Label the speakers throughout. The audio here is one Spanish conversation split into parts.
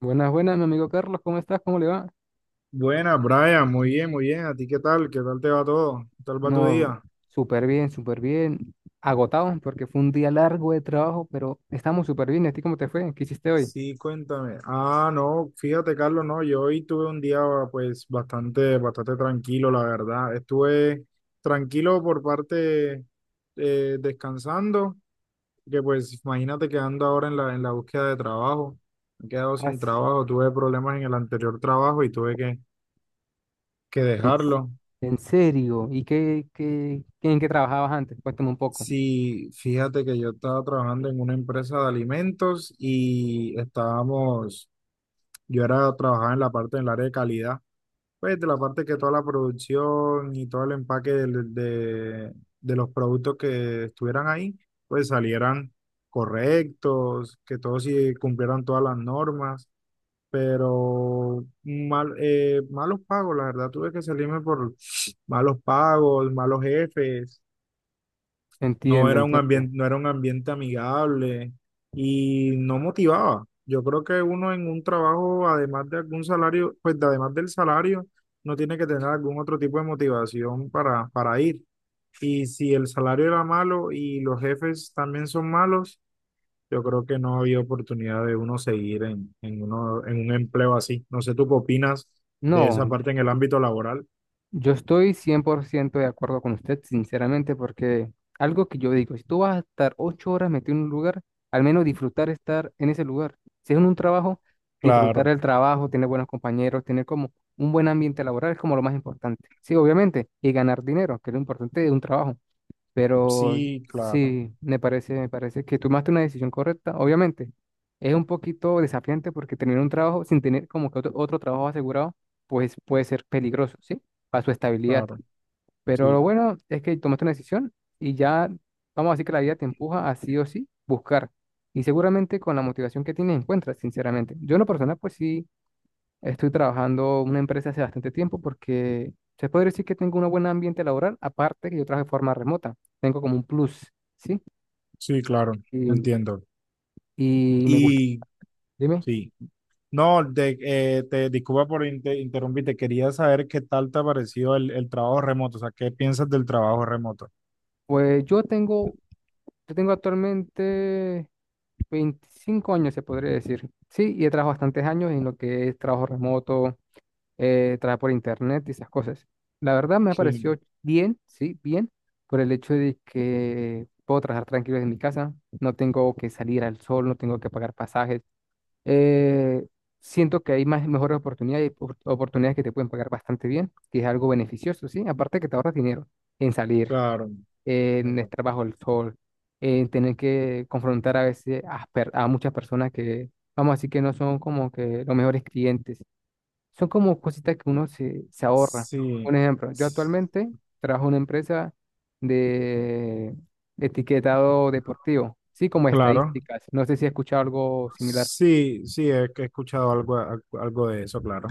Speaker 1: Buenas, buenas, mi amigo Carlos, ¿cómo estás? ¿Cómo le va?
Speaker 2: Buena, Brian, muy bien, muy bien. ¿A ti qué tal? ¿Qué tal te va todo? ¿Qué tal va tu
Speaker 1: No,
Speaker 2: día?
Speaker 1: súper bien, súper bien. Agotado porque fue un día largo de trabajo, pero estamos súper bien. ¿Y a ti cómo te fue? ¿Qué hiciste hoy?
Speaker 2: Sí, cuéntame. Ah, no, fíjate, Carlos, no, yo hoy tuve un día pues bastante tranquilo, la verdad. Estuve tranquilo por parte descansando, que pues imagínate que ando ahora en la búsqueda de trabajo. Me he quedado
Speaker 1: Ah,
Speaker 2: sin
Speaker 1: sí,
Speaker 2: trabajo, tuve problemas en el anterior trabajo y tuve que
Speaker 1: en, s-
Speaker 2: dejarlo.
Speaker 1: en serio. ¿Y en qué trabajabas antes? Cuéntame un poco.
Speaker 2: Sí, fíjate que yo estaba trabajando en una empresa de alimentos y estábamos, yo era trabajaba en la parte del área de calidad, pues de la parte que toda la producción y todo el empaque de los productos que estuvieran ahí, pues salieran correctos, que todos sí cumplieran todas las normas, pero mal, malos pagos, la verdad, tuve que salirme por malos pagos, malos jefes. no
Speaker 1: Entiendo,
Speaker 2: era un
Speaker 1: entiendo.
Speaker 2: ambiente, no era un ambiente amigable y no motivaba. Yo creo que uno en un trabajo, además de algún salario, además del salario, no tiene que tener algún otro tipo de motivación para ir. Y si el salario era malo y los jefes también son malos, yo creo que no había oportunidad de uno seguir en un empleo así. No sé, ¿tú qué opinas de esa
Speaker 1: No,
Speaker 2: parte en el ámbito laboral?
Speaker 1: yo estoy 100% de acuerdo con usted, sinceramente, porque algo que yo digo, si tú vas a estar 8 horas metido en un lugar, al menos disfrutar estar en ese lugar. Si es en un trabajo, disfrutar
Speaker 2: Claro,
Speaker 1: el trabajo, tener buenos compañeros, tener como un buen ambiente laboral es como lo más importante. Sí, obviamente, y ganar dinero, que es lo importante de un trabajo. Pero
Speaker 2: sí, claro,
Speaker 1: sí, me parece que tomaste una decisión correcta. Obviamente, es un poquito desafiante porque tener un trabajo sin tener como que otro trabajo asegurado, pues puede ser peligroso, ¿sí? Para su estabilidad.
Speaker 2: claro,
Speaker 1: Pero lo
Speaker 2: sí,
Speaker 1: bueno es que tomaste una decisión y ya, vamos a decir que la vida te empuja a sí o sí buscar. Y seguramente con la motivación que tienes encuentras, sinceramente. Yo en lo personal, pues sí. Estoy trabajando en una empresa hace bastante tiempo porque se podría decir que tengo un buen ambiente laboral, aparte que yo trabajo de forma remota. Tengo como un plus, ¿sí?
Speaker 2: sí, claro,
Speaker 1: Y,
Speaker 2: entiendo.
Speaker 1: y me gusta.
Speaker 2: Y
Speaker 1: Dime,
Speaker 2: sí, no, te disculpa por interrumpirte, quería saber qué tal te ha parecido el trabajo remoto, o sea, ¿qué piensas del trabajo remoto?
Speaker 1: pues yo tengo actualmente 25 años, se podría decir, ¿sí? Y he trabajado bastantes años en lo que es trabajo remoto, trabajar por internet y esas cosas. La verdad me ha
Speaker 2: Sí,
Speaker 1: parecido bien, sí, bien, por el hecho de que puedo trabajar tranquilo desde mi casa, no tengo que salir al sol, no tengo que pagar pasajes. Eh, Siento que hay mejores oportunidades que te pueden pagar bastante bien, que es algo beneficioso, sí, aparte que te ahorras dinero en salir,
Speaker 2: claro.
Speaker 1: en
Speaker 2: Claro.
Speaker 1: estar bajo el sol, en tener que confrontar a veces a muchas personas que, vamos a decir que no son como que los mejores clientes son como cositas que se ahorra. Un
Speaker 2: Sí,
Speaker 1: ejemplo, yo
Speaker 2: s-
Speaker 1: actualmente trabajo en una empresa de etiquetado deportivo, sí, como
Speaker 2: claro.
Speaker 1: estadísticas. No sé si he escuchado algo similar.
Speaker 2: Sí, sí, he escuchado algo, al- algo de eso, claro.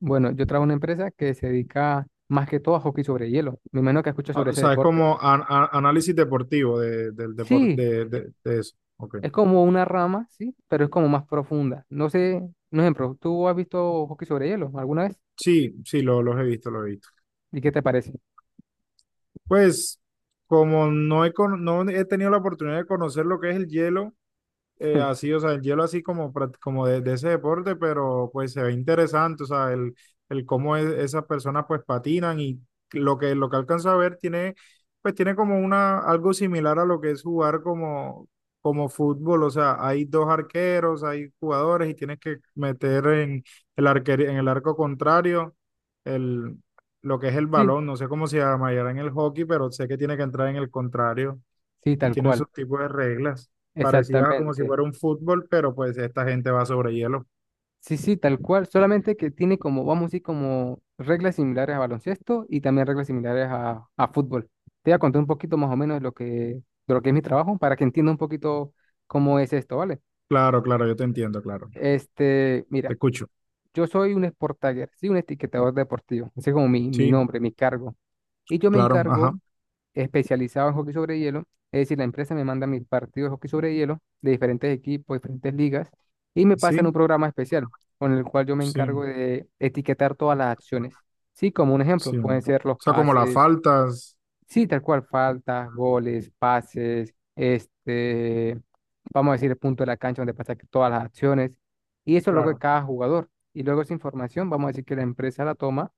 Speaker 1: Bueno, yo trabajo en una empresa que se dedica más que todo a hockey sobre hielo. Me imagino que escuchado
Speaker 2: Ah,
Speaker 1: sobre
Speaker 2: o
Speaker 1: ese
Speaker 2: sea, es
Speaker 1: deporte.
Speaker 2: como análisis deportivo de, del deporte,
Speaker 1: Sí, e-
Speaker 2: de eso. Ok.
Speaker 1: es como una rama, sí, pero es como más profunda. No sé, un ejemplo, ¿tú has visto hockey sobre hielo alguna vez?
Speaker 2: Sí, sí, los he visto, los he visto.
Speaker 1: ¿Y qué te parece?
Speaker 2: Pues, como no cono- no he tenido la oportunidad de conocer lo que es el hielo, así, o sea, el hielo así como, prac- como de ese deporte, pero pues se ve interesante, o sea, el cómo esas personas pues patinan y lo que alcanzo a ver tiene, pues tiene como una, algo similar a lo que es jugar como, como fútbol, o sea, hay dos arqueros, hay jugadores y tienes que meter en el arco contrario el, lo que es el
Speaker 1: Sí,
Speaker 2: balón, no sé cómo se llamará en el hockey, pero sé que tiene que entrar en el contrario
Speaker 1: sí,
Speaker 2: y
Speaker 1: tal
Speaker 2: tiene su
Speaker 1: cual,
Speaker 2: tipos de reglas, parecidas a como si
Speaker 1: exactamente.
Speaker 2: fuera un fútbol, pero pues esta gente va sobre hielo.
Speaker 1: Sí, sí, tal cual, solamente que tiene como, vamos a decir, como reglas similares a baloncesto y también reglas similares a fútbol. Te voy a contar un poquito más o menos de de lo que es mi trabajo para que entienda un poquito cómo es esto, ¿vale?
Speaker 2: Claro, claro, yo te entiendo, claro.
Speaker 1: Este,
Speaker 2: Te
Speaker 1: mira,
Speaker 2: escucho.
Speaker 1: yo soy un sport tagger, sí, un etiquetador deportivo, ese es como mi
Speaker 2: Sí,
Speaker 1: nombre, mi cargo. Y yo me
Speaker 2: claro, ajá.
Speaker 1: encargo especializado en hockey sobre hielo, es decir, la empresa me manda mis partidos de hockey sobre hielo de diferentes equipos, diferentes ligas, y me pasan un
Speaker 2: Sí,
Speaker 1: programa especial con el cual yo me
Speaker 2: sí,
Speaker 1: encargo de etiquetar todas las acciones. Sí, como un ejemplo,
Speaker 2: sí.
Speaker 1: pueden ser los
Speaker 2: O sea, como las
Speaker 1: pases.
Speaker 2: faltas.
Speaker 1: Sí, tal cual, faltas, goles, pases, este, vamos a decir el punto de la cancha donde pasa que todas las acciones, y eso es lo que
Speaker 2: Claro.
Speaker 1: cada jugador. Y luego esa información, vamos a decir que la empresa la toma,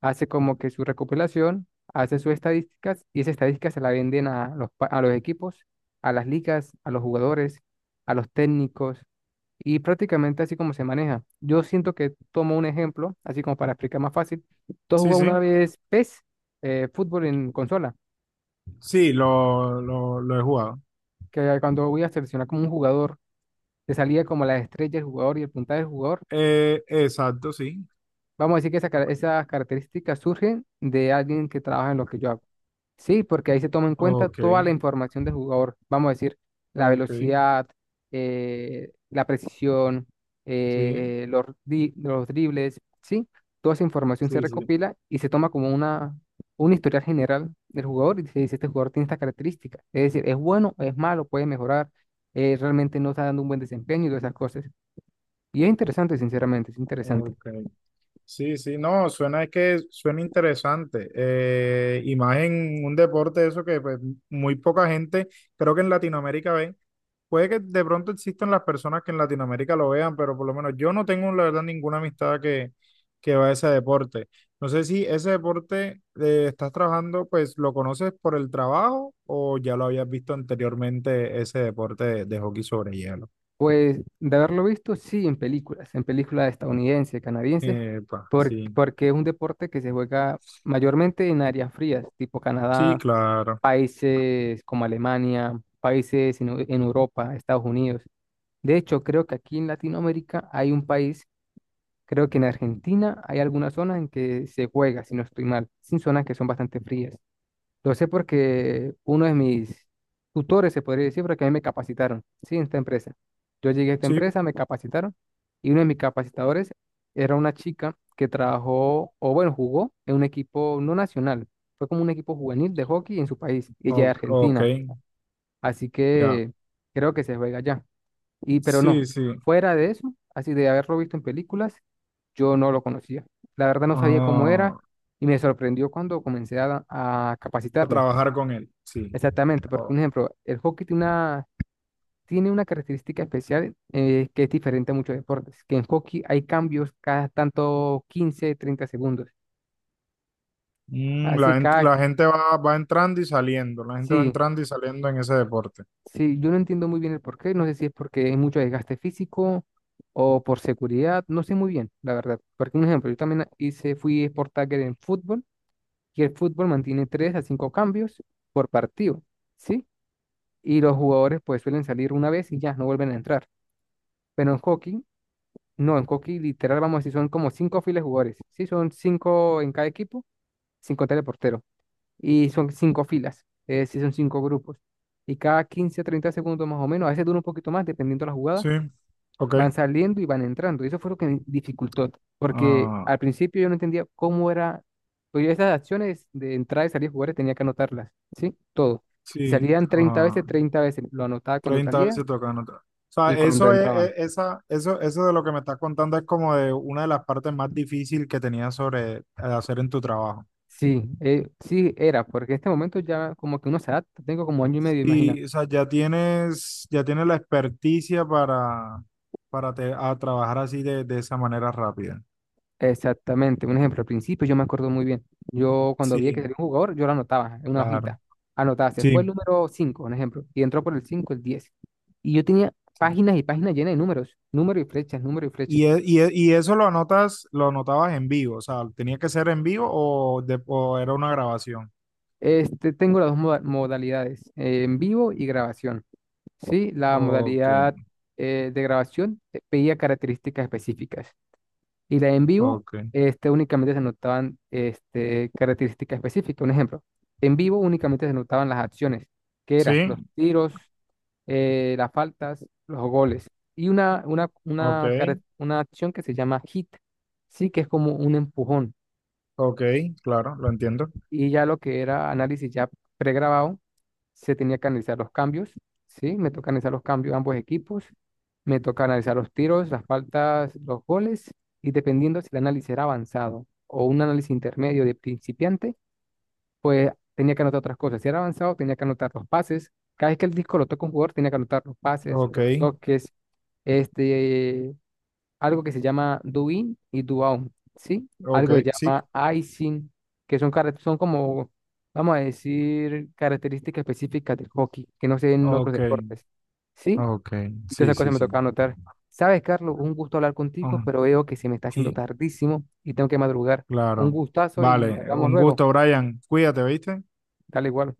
Speaker 1: hace como que su recopilación, hace sus estadísticas, y esas estadísticas se la venden a a los equipos, a las ligas, a los jugadores, a los técnicos, y prácticamente así como se maneja. Yo siento que tomo un ejemplo, así como para explicar más fácil. Tú has
Speaker 2: Sí,
Speaker 1: jugado
Speaker 2: sí.
Speaker 1: una vez PES, fútbol en consola,
Speaker 2: Sí, lo he jugado.
Speaker 1: que cuando voy a seleccionar como un jugador, te salía como la estrella del jugador y el puntaje del jugador.
Speaker 2: Exacto, sí.
Speaker 1: Vamos a decir que esas características surgen de alguien que trabaja en lo que yo hago. Sí, porque ahí se toma en cuenta
Speaker 2: Ok,
Speaker 1: toda la información del jugador. Vamos a decir, la
Speaker 2: ok,
Speaker 1: velocidad, la precisión,
Speaker 2: sí,
Speaker 1: los dribles, sí. Toda esa información se
Speaker 2: sí, sí.
Speaker 1: recopila y se toma como un historial general del jugador y se dice, este jugador tiene estas características. Es decir, es bueno, es malo, puede mejorar, realmente no está dando un buen desempeño y todas esas cosas. Y es interesante, sinceramente, es interesante.
Speaker 2: Ok. Sí, sí, no, suena es que suena interesante. Y más en un deporte de eso que pues, muy poca gente, creo que en Latinoamérica ve. Puede que de pronto existan las personas que en Latinoamérica lo vean, pero por lo menos yo no tengo, la verdad, ninguna amistad que va a ese deporte. No sé si ese deporte estás trabajando, pues lo conoces por el trabajo o ya lo habías visto anteriormente, ese deporte de hockey sobre hielo.
Speaker 1: Pues de haberlo visto, sí, en películas estadounidenses, canadienses,
Speaker 2: Epa, sí,
Speaker 1: porque es un deporte que se juega mayormente en áreas frías, tipo
Speaker 2: sí,
Speaker 1: Canadá,
Speaker 2: claro.
Speaker 1: países como Alemania, países en Europa, Estados Unidos. De hecho, creo que aquí en Latinoamérica hay un país, creo que en Argentina hay algunas zonas en que se juega, si no estoy mal, sin zonas que son bastante frías. Lo sé porque uno de mis tutores, se podría decir, porque a mí me capacitaron, sí, en esta empresa. Yo llegué a esta
Speaker 2: Sí,
Speaker 1: empresa, me capacitaron y uno de mis capacitadores era una chica que trabajó, o bueno, jugó en un equipo no nacional, fue como un equipo juvenil de hockey en su país, y ella es
Speaker 2: o- ok,
Speaker 1: argentina, así
Speaker 2: ya.
Speaker 1: que creo que se juega allá. Y pero
Speaker 2: Sí,
Speaker 1: no,
Speaker 2: sí.
Speaker 1: fuera de eso, así de haberlo visto en películas, yo no lo conocía. La verdad no sabía cómo era
Speaker 2: Ah,
Speaker 1: y me sorprendió cuando comencé a
Speaker 2: a
Speaker 1: capacitarme.
Speaker 2: trabajar con él, sí.
Speaker 1: Exactamente, porque
Speaker 2: Oh.
Speaker 1: un ejemplo, el hockey tiene tiene una característica especial que es diferente a muchos deportes, que en hockey hay cambios cada tanto 15, 30 segundos.
Speaker 2: Mm, la,
Speaker 1: Así
Speaker 2: gent-
Speaker 1: cada,
Speaker 2: la gente va, va entrando y saliendo, la gente va
Speaker 1: sí,
Speaker 2: entrando y saliendo en ese deporte.
Speaker 1: sí, yo no entiendo muy bien el porqué, no sé si es porque hay mucho desgaste físico o por seguridad, no sé muy bien, la verdad. Porque un ejemplo, yo también hice, fui sport tagger en fútbol y el fútbol mantiene 3 a 5 cambios por partido, ¿sí? Y los jugadores pues suelen salir una vez y ya, no vuelven a entrar. Pero en hockey, no, en Coqui literal vamos a decir son como cinco filas de jugadores. Sí, son cinco en cada equipo, cinco teleporteros. Y son cinco filas, es decir, son cinco grupos. Y cada 15 a 30 segundos más o menos, a veces dura un poquito más, dependiendo de la jugada,
Speaker 2: Sí, ok.
Speaker 1: van saliendo y van entrando. Y eso fue lo que me dificultó, porque
Speaker 2: Ah,
Speaker 1: al principio yo no entendía cómo era, pues yo esas acciones de entrada y salir de jugadores tenía que anotarlas, ¿sí? Todo. Si
Speaker 2: sí,
Speaker 1: salían 30 veces,
Speaker 2: ah,
Speaker 1: 30 veces lo anotaba cuando
Speaker 2: treinta
Speaker 1: salía
Speaker 2: veces tocando. O sea,
Speaker 1: y cuando
Speaker 2: eso
Speaker 1: entraban.
Speaker 2: es- esa, eso de lo que me estás contando es como de una de las partes más difíciles que tenías sobre hacer en tu trabajo.
Speaker 1: Sí, sí era, porque en este momento ya como que uno se adapta, tengo como año y medio, imagina.
Speaker 2: Y, o sea, ya tienes la experticia para te- a trabajar así de esa manera rápida.
Speaker 1: Exactamente, un ejemplo, al principio yo me acuerdo muy bien, yo cuando vi que
Speaker 2: Sí,
Speaker 1: salió un jugador, yo lo anotaba en una
Speaker 2: claro.
Speaker 1: hojita, anotaba, se fue el
Speaker 2: Sí.
Speaker 1: número 5, un ejemplo, y entró por el 5, el 10, y yo tenía
Speaker 2: Sí.
Speaker 1: páginas y páginas llenas de números, número y flechas, número y flechas.
Speaker 2: Y, y eso lo anotabas en vivo, o sea, tenía que ser en vivo o, de- o era una grabación.
Speaker 1: Este, tengo las modalidades, en vivo y grabación, ¿sí? La
Speaker 2: Ok,
Speaker 1: modalidad de grabación pedía características específicas. Y la en vivo,
Speaker 2: ok.
Speaker 1: este, únicamente se notaban este, características específicas. Un ejemplo, en vivo únicamente se notaban las acciones, que eran los
Speaker 2: Sí,
Speaker 1: tiros, las faltas, los goles. Y
Speaker 2: ok,
Speaker 1: una acción que se llama hit, sí, que es como un empujón.
Speaker 2: ok, claro, lo entiendo.
Speaker 1: Y ya lo que era análisis ya pregrabado, se tenía que analizar los cambios, ¿sí? Me toca analizar los cambios de ambos equipos, me toca analizar los tiros, las faltas, los goles, y dependiendo si el análisis era avanzado o un análisis intermedio de principiante, pues tenía que anotar otras cosas. Si era avanzado, tenía que anotar los pases. Cada vez que el disco lo toca un jugador, tenía que anotar los pases,
Speaker 2: Ok,
Speaker 1: los toques, este, algo que se llama do in y do out, ¿sí?
Speaker 2: ok,
Speaker 1: Algo que se
Speaker 2: sí,
Speaker 1: llama icing, que son como, vamos a decir, características específicas del hockey, que no se ven en otros
Speaker 2: ok,
Speaker 1: deportes, ¿sí?
Speaker 2: ok,
Speaker 1: Y todas
Speaker 2: sí,
Speaker 1: esas cosas
Speaker 2: sí,
Speaker 1: me
Speaker 2: sí.
Speaker 1: toca anotar. Sabes, Carlos, un gusto hablar contigo,
Speaker 2: Ah,
Speaker 1: pero veo que se me está haciendo
Speaker 2: y-
Speaker 1: tardísimo y tengo que madrugar. Un
Speaker 2: claro.
Speaker 1: gustazo y
Speaker 2: Vale,
Speaker 1: hablamos
Speaker 2: un
Speaker 1: luego.
Speaker 2: gusto, Brian. Cuídate, ¿viste?
Speaker 1: Dale igual.